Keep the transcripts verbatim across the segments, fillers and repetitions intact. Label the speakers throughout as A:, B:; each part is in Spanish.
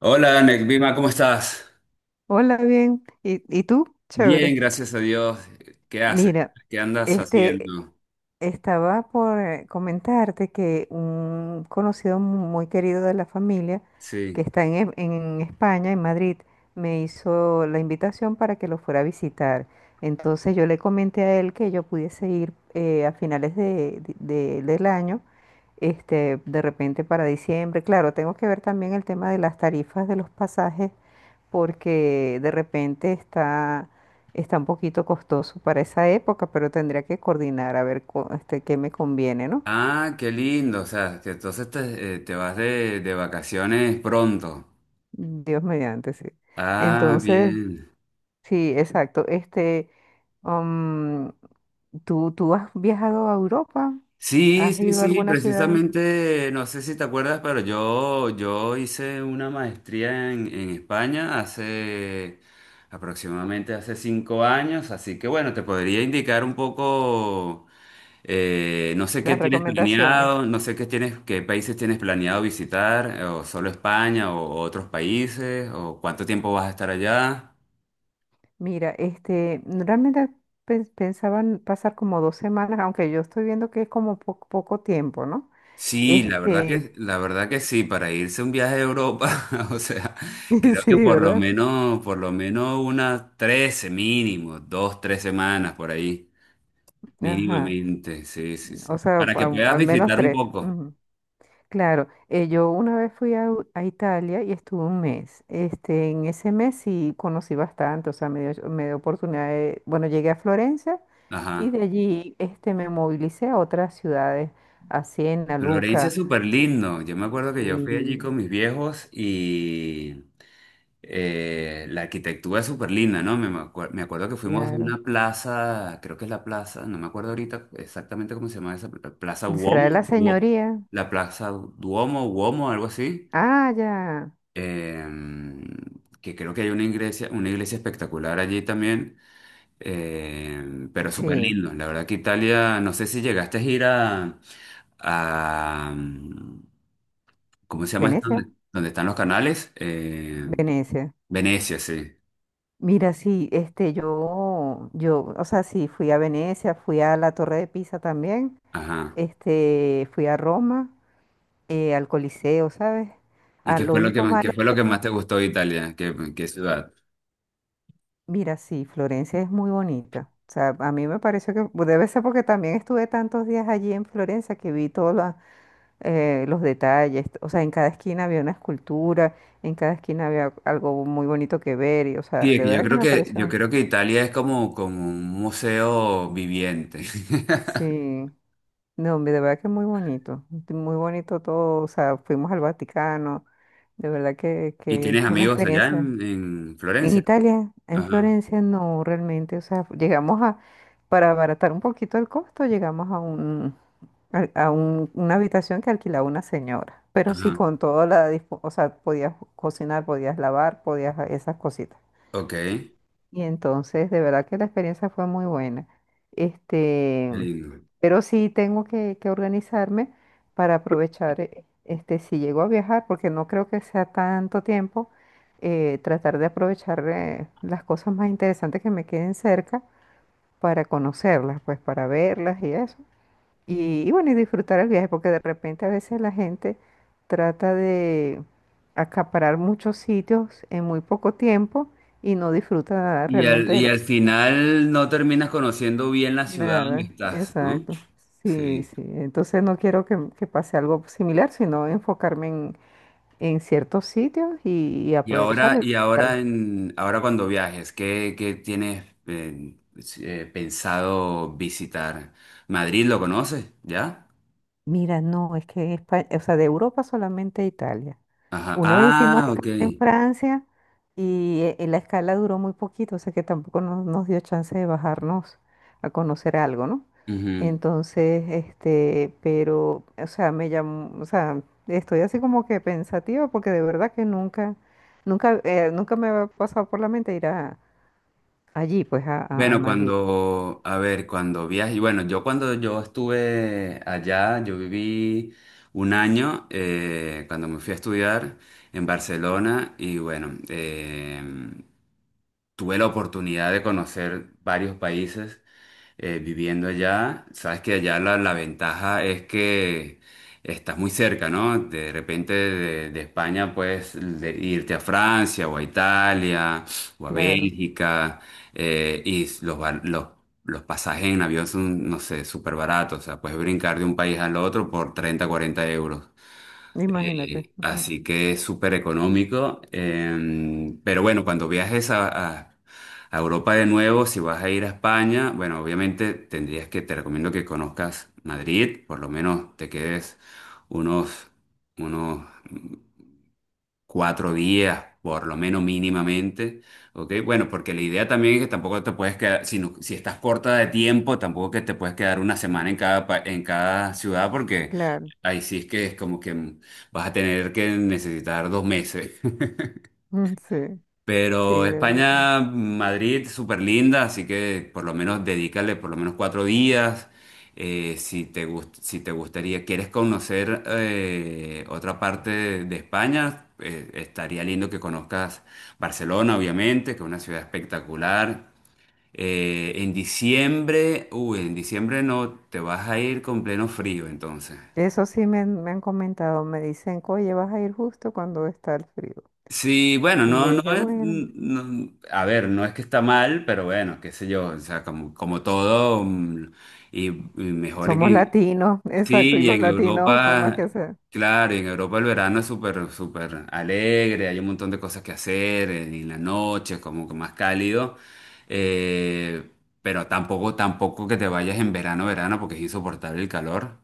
A: Hola, Nekvima, ¿cómo estás?
B: Hola, bien. ¿Y, y tú?
A: Bien,
B: Chévere.
A: gracias a Dios. ¿Qué haces?
B: Mira,
A: ¿Qué andas
B: este,
A: haciendo?
B: estaba por eh, comentarte que un conocido mu- muy querido de la familia que
A: Sí.
B: está en, E- en España, en Madrid, me hizo la invitación para que lo fuera a visitar. Entonces yo le comenté a él que yo pudiese ir eh, a finales de- de- del año, este, de repente para diciembre. Claro, tengo que ver también el tema de las tarifas de los pasajes porque de repente está, está un poquito costoso para esa época, pero tendría que coordinar a ver cu- este, qué me conviene, ¿no?
A: Ah, qué lindo. O sea, que entonces te, eh, te vas de, de vacaciones pronto.
B: Dios mediante, sí.
A: Ah,
B: Entonces,
A: bien.
B: sí, exacto. Este, um, ¿tú, tú has viajado a Europa?
A: Sí,
B: ¿Has
A: sí,
B: ido a
A: sí,
B: alguna ciudad? en-
A: precisamente, no sé si te acuerdas, pero yo, yo hice una maestría en, en España hace aproximadamente hace cinco años, así que bueno, te podría indicar un poco. Eh, no sé qué
B: Las
A: tienes
B: recomendaciones.
A: planeado, no sé qué tienes, qué países tienes planeado visitar, eh, o solo España, o, o otros países, o cuánto tiempo vas a estar allá.
B: Mira, este, realmente pens- pensaban pasar como dos semanas, aunque yo estoy viendo que es como po- poco tiempo, ¿no?
A: Sí, la verdad
B: Este,
A: que, la verdad que sí, para irse un viaje a Europa, o sea, creo
B: sí,
A: que por lo
B: ¿verdad?
A: menos, por lo menos unas trece mínimo, dos, tres semanas por ahí,
B: Ajá.
A: mínimamente, sí, sí,
B: O
A: sí.
B: sea,
A: Para que
B: a-
A: puedas
B: al menos
A: visitar un
B: tres.
A: poco.
B: Ujú. Claro, eh, yo una vez fui a, U- a Italia y estuve un mes. Este, en ese mes sí conocí bastante, o sea, me dio, me dio oportunidad de, bueno, llegué a Florencia y
A: Ajá.
B: de allí este, me movilicé a otras ciudades, a Siena,
A: Florencia es
B: Luca,
A: súper lindo. Yo me acuerdo que yo fui allí
B: y
A: con mis viejos y eh, la arquitectura es súper linda, ¿no? Me, me acuer- me acuerdo que fuimos a
B: claro.
A: una plaza, creo que es la plaza, no me acuerdo ahorita exactamente cómo se llama esa pla- plaza
B: ¿Será
A: Uomo,
B: de la
A: Duo-
B: Señoría?
A: la plaza Duomo, Uomo, algo así,
B: Ah, ya.
A: em, que creo que hay una iglesia, una iglesia espectacular allí también, em, pero súper
B: Sí.
A: lindo. La verdad que Italia, no sé si llegaste a ir a, a, mm, ¿cómo se llama esto?
B: Venecia.
A: Donde, donde están los canales. Em,
B: Venecia.
A: Venecia, sí,
B: Mira, sí, este, yo, yo, o sea, sí, fui a Venecia, fui a la Torre de Pisa también.
A: ajá.
B: Este, fui a Roma, eh, al Coliseo, ¿sabes?
A: ¿Y
B: Ah,
A: qué
B: lo
A: fue lo que
B: único
A: más, qué
B: malo
A: fue lo
B: es
A: que más
B: que,
A: te gustó de Italia? ¿Qué, qué ciudad?
B: mira, sí, Florencia es muy bonita. O sea, a mí me pareció que pues, debe ser porque también estuve tantos días allí en Florencia que vi todos la- eh, los detalles. O sea, en cada esquina había una escultura, en cada esquina había algo muy bonito que ver. Y, o sea,
A: Sí, es
B: de
A: que yo
B: verdad que
A: creo
B: me
A: que, yo
B: pareció.
A: creo que Italia es como, como un museo viviente.
B: Sí, no, hombre, de verdad que muy bonito. Muy bonito todo. O sea, fuimos al Vaticano. De verdad que,
A: ¿Y
B: que es
A: tienes
B: una
A: amigos allá
B: experiencia.
A: en, en
B: En
A: Florencia?
B: Italia, en
A: Ajá,
B: Florencia, no realmente. O sea, llegamos a, para abaratar un poquito el costo, llegamos a un, a, a un- una habitación que alquilaba una señora. Pero sí,
A: ajá.
B: con toda la, dispo- o sea, podías cocinar, podías lavar, podías esas cositas.
A: Ok, qué
B: Y entonces, de verdad que la experiencia fue muy buena. Este,
A: lindo.
B: pero sí tengo que, que organizarme para aprovechar, eh, este, si llego a viajar, porque no creo que sea tanto tiempo, eh, tratar de aprovechar eh, las cosas más interesantes que me queden cerca para conocerlas, pues para verlas y eso. Y, y bueno, y disfrutar el viaje, porque de repente a veces la gente trata de acaparar muchos sitios en muy poco tiempo y no disfruta
A: Y al,
B: realmente de
A: y al
B: los.
A: final no terminas conociendo bien la ciudad donde
B: Nada,
A: estás, ¿no?
B: exacto. Sí,
A: Sí.
B: sí. Entonces no quiero que, que pase algo similar, sino enfocarme en, en ciertos sitios y, y
A: Y ahora,
B: aprovecharlos.
A: y ahora en, ahora cuando viajes, ¿qué, qué tienes eh, eh, pensado visitar? ¿Madrid lo conoces? ¿Ya?
B: Mira, no, es que España, o sea, de Europa solamente a Italia.
A: Ajá.
B: Una vez hicimos
A: Ah, ok.
B: escala en Francia y eh, eh, la escala duró muy poquito, o sea que tampoco nos, nos dio chance de bajarnos a conocer algo, ¿no?
A: Ujú.
B: Entonces, este, pero, o sea, me llamó, o sea, estoy así como que pensativa porque de verdad que nunca, nunca, eh, nunca me había pasado por la mente ir a, allí, pues, a, a- a
A: Bueno,
B: Madrid.
A: cuando, a ver, cuando viaje, bueno, yo cuando yo estuve allá, yo viví un año eh, cuando me fui a estudiar en Barcelona y bueno, eh, tuve la oportunidad de conocer varios países eh, viviendo allá, sabes que allá la, la ventaja es que estás muy cerca, ¿no? De repente de, de España puedes de- irte a Francia o a Italia o a
B: Claro,
A: Bélgica eh, y los, val- los, los pasajes en avión son, no sé, súper baratos, o sea, puedes brincar de un país al otro por treinta cuarenta euros.
B: imagínate.
A: Eh,
B: Ujú.
A: así que es súper económico. Em, pero bueno, cuando viajes a, a- a Europa de nuevo, si vas a ir a España, bueno, obviamente tendrías que, te recomiendo que conozcas Madrid, por lo menos te quedes unos, unos cuatro días, por lo menos mínimamente, ¿ok? Bueno, porque la idea también es que tampoco te puedes quedar, si, no- si estás corta de tiempo, tampoco que te puedes quedar una semana en cada, pa- en cada ciudad, porque
B: Claro,
A: ahí sí es que es como que vas a tener que necesitar dos meses.
B: sí, sí,
A: Pero
B: de verdad.
A: España, Madrid, súper linda, así que por lo menos dedícale por lo menos cuatro días. Eh, si te gust- si te gustaría, quieres conocer eh, otra parte de, de España, eh, estaría lindo que conozcas Barcelona, obviamente, que es una ciudad espectacular. Eh, en diciembre, uy, en diciembre no, te vas a ir con pleno frío, entonces.
B: Eso sí me, han me han comentado, me dicen, oye, vas a ir justo cuando está el frío.
A: Sí, bueno,
B: Y yo
A: no, no
B: dije,
A: es,
B: bueno,
A: no- a ver, no es que está mal, pero bueno, qué sé yo, o sea, como, como todo, mm, y, y mejor
B: somos
A: que,
B: latinos, exacto,
A: sí,
B: y
A: y
B: los
A: en
B: latinos, por más
A: Europa,
B: que sea,
A: claro, y en Europa el verano es súper, súper alegre, hay un montón de cosas que hacer, eh, y en la noche es como que más cálido, eh, pero tampoco, tampoco que te vayas en verano, verano, porque es insoportable el calor.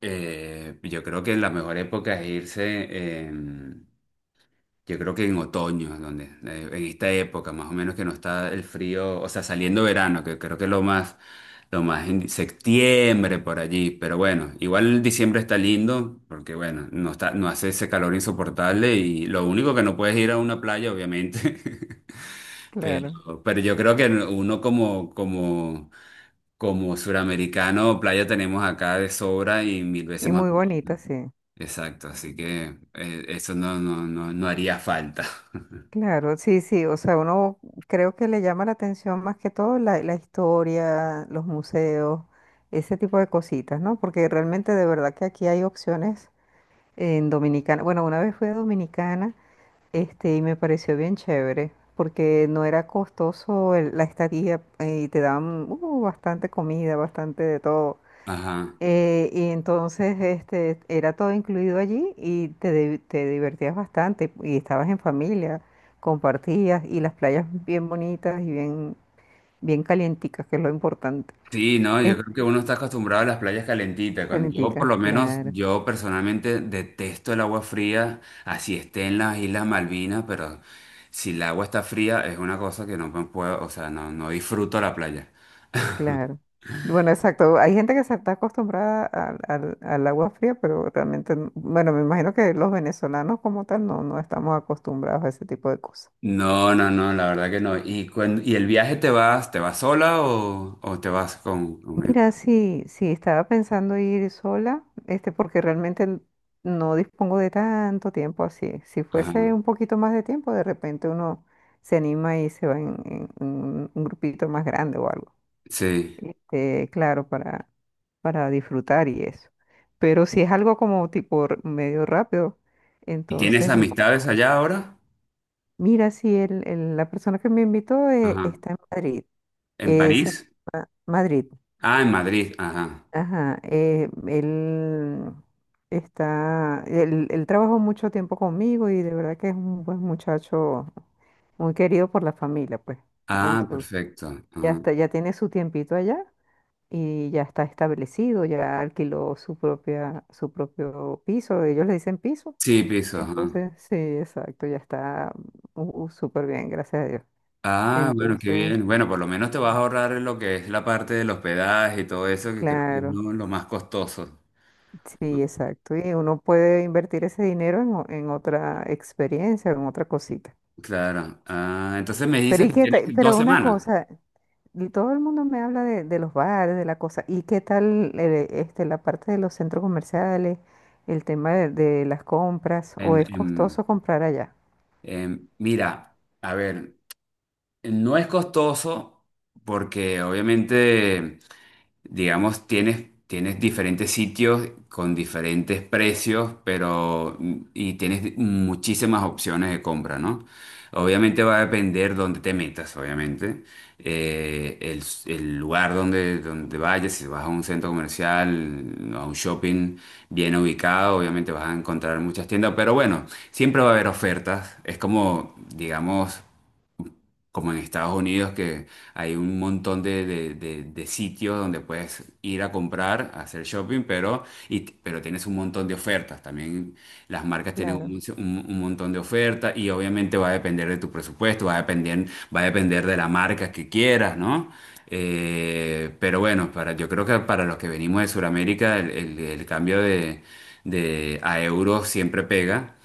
A: Eh, yo creo que la mejor época es irse. Eh, yo creo que en otoño, donde, eh, en esta época, más o menos que no está el frío, o sea, saliendo verano, que creo que es lo más, lo más en septiembre por allí. Pero bueno, igual diciembre está lindo, porque bueno, no está, no hace ese calor insoportable y lo único que no puedes ir a una playa, obviamente.
B: claro,
A: Pero, pero yo creo que uno como, como, como suramericano, playa tenemos acá de sobra y mil veces
B: y
A: más.
B: muy bonita, sí,
A: Exacto, así que eh, eso no, no, no, no haría falta.
B: claro, sí, sí, o sea, uno creo que le llama la atención más que todo la, la historia, los museos, ese tipo de cositas, ¿no? Porque realmente de verdad que aquí hay opciones en Dominicana. Bueno, una vez fui a Dominicana. Este, y me pareció bien chévere, porque no era costoso el- la estadía eh, y te daban uh, bastante comida, bastante de todo.
A: Ajá.
B: Eh, y entonces este, era todo incluido allí y te, di- te divertías bastante y estabas en familia, compartías y las playas bien bonitas y bien, bien calienticas, que es lo importante.
A: Sí, no, yo
B: Es
A: creo que uno está acostumbrado a las playas calentitas. Cuando yo, por
B: calientica,
A: lo menos,
B: claro.
A: yo personalmente detesto el agua fría, así esté en las Islas Malvinas, pero si el agua está fría es una cosa que no me puedo, o sea, no, no disfruto la playa.
B: Claro. Bueno, exacto. Hay gente que se está acostumbrada al, al- al agua fría, pero realmente, no- bueno, me imagino que los venezolanos como tal no, no estamos acostumbrados a ese tipo de cosas.
A: No, no, no, la verdad que no. ¿Y, cuan- y el viaje te vas, te vas sola o, o te vas con, con- e-?
B: Mira, sí, sí, estaba pensando ir sola, este, porque realmente n- no dispongo de tanto tiempo así. Si
A: Ajá.
B: fuese un poquito más de tiempo, de repente uno se anima y se va en, en- en un un grupito más grande o algo.
A: Sí.
B: Este, claro, para, para disfrutar y eso. Pero si es algo como tipo r- medio rápido,
A: ¿Y tienes
B: entonces no.
A: amistades allá ahora?
B: Mira, si el, el- la persona que me invitó eh,
A: Ajá.
B: está en Madrid,
A: ¿En
B: esa,
A: París?
B: ma- Madrid,
A: Ah, en Madrid, ajá.
B: ajá, eh, él está, él, él trabajó mucho tiempo conmigo y de verdad que es un buen muchacho, muy querido por la familia, pues.
A: Ah,
B: Entonces,
A: perfecto.
B: ya
A: Ah.
B: está, ya tiene su tiempito allá y ya está establecido, ya alquiló su propia, su propio piso, ellos le dicen piso.
A: Sí, pisos. Ajá.
B: Entonces, sí, exacto, ya está uh, uh, súper bien, gracias a Dios.
A: Ah, bueno, qué
B: Entonces,
A: bien. Bueno, por lo menos te vas a ahorrar lo que es la parte del hospedaje y todo eso, que creo que es
B: claro,
A: lo lo más costoso.
B: sí, exacto. Y uno puede invertir ese dinero en, o- en otra experiencia, en otra cosita.
A: Claro. Ah, entonces me
B: Pero,
A: dices
B: ¿y
A: que
B: qué
A: tienes
B: te-
A: dos
B: pero una
A: semanas.
B: cosa. Y todo el mundo me habla de, de los bares, de la cosa. ¿Y qué tal eh, este, la parte de los centros comerciales, el tema de, de las compras? ¿O
A: En,
B: es
A: en-
B: costoso comprar allá?
A: en- Mira, a ver, no es costoso porque obviamente digamos, tienes, tienes diferentes sitios con diferentes precios, pero y tienes muchísimas opciones de compra, ¿no? Obviamente va a depender dónde te metas, obviamente. Eh, el, el lugar donde, donde vayas, si vas a un centro comercial, a un shopping bien ubicado, obviamente vas a encontrar muchas tiendas, pero bueno, siempre va a haber ofertas. Es como, digamos, como en Estados Unidos, que hay un montón de, de- de- de sitios donde puedes ir a comprar, a hacer shopping, pero, y, pero tienes un montón de ofertas. También las marcas tienen
B: Claro,
A: un, un- un montón de ofertas y obviamente va a depender de tu presupuesto, va a depender, va a depender de la marca que quieras, ¿no? Eh, pero bueno, para, yo creo que para los que venimos de Sudamérica, el, el- el cambio de, de- a euros siempre pega.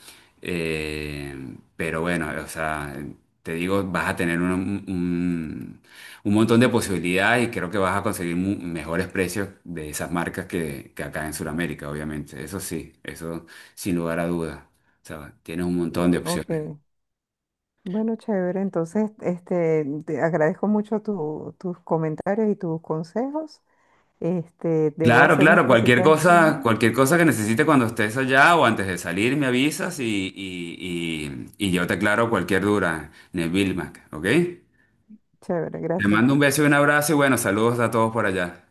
A: Eh, pero bueno, o sea, te digo, vas a tener un, un- un montón de posibilidades y creo que vas a conseguir mu- mejores precios de esas marcas que, que acá en Sudamérica, obviamente. Eso sí, eso sin lugar a dudas. O sea, tienes un montón de opciones.
B: ok. Bueno, chévere. Entonces, este, te agradezco mucho tu- tus comentarios y tus consejos. Este, debo
A: Claro,
B: hacer unas
A: claro, cualquier
B: cositas.
A: cosa,
B: Ujú.
A: cualquier cosa que necesites cuando estés allá o antes de salir, me avisas y, y, y, y yo te aclaro cualquier duda, Neville Mac, ¿ok?
B: Chévere,
A: Te
B: gracias.
A: mando un beso y un abrazo y bueno, saludos a todos por allá.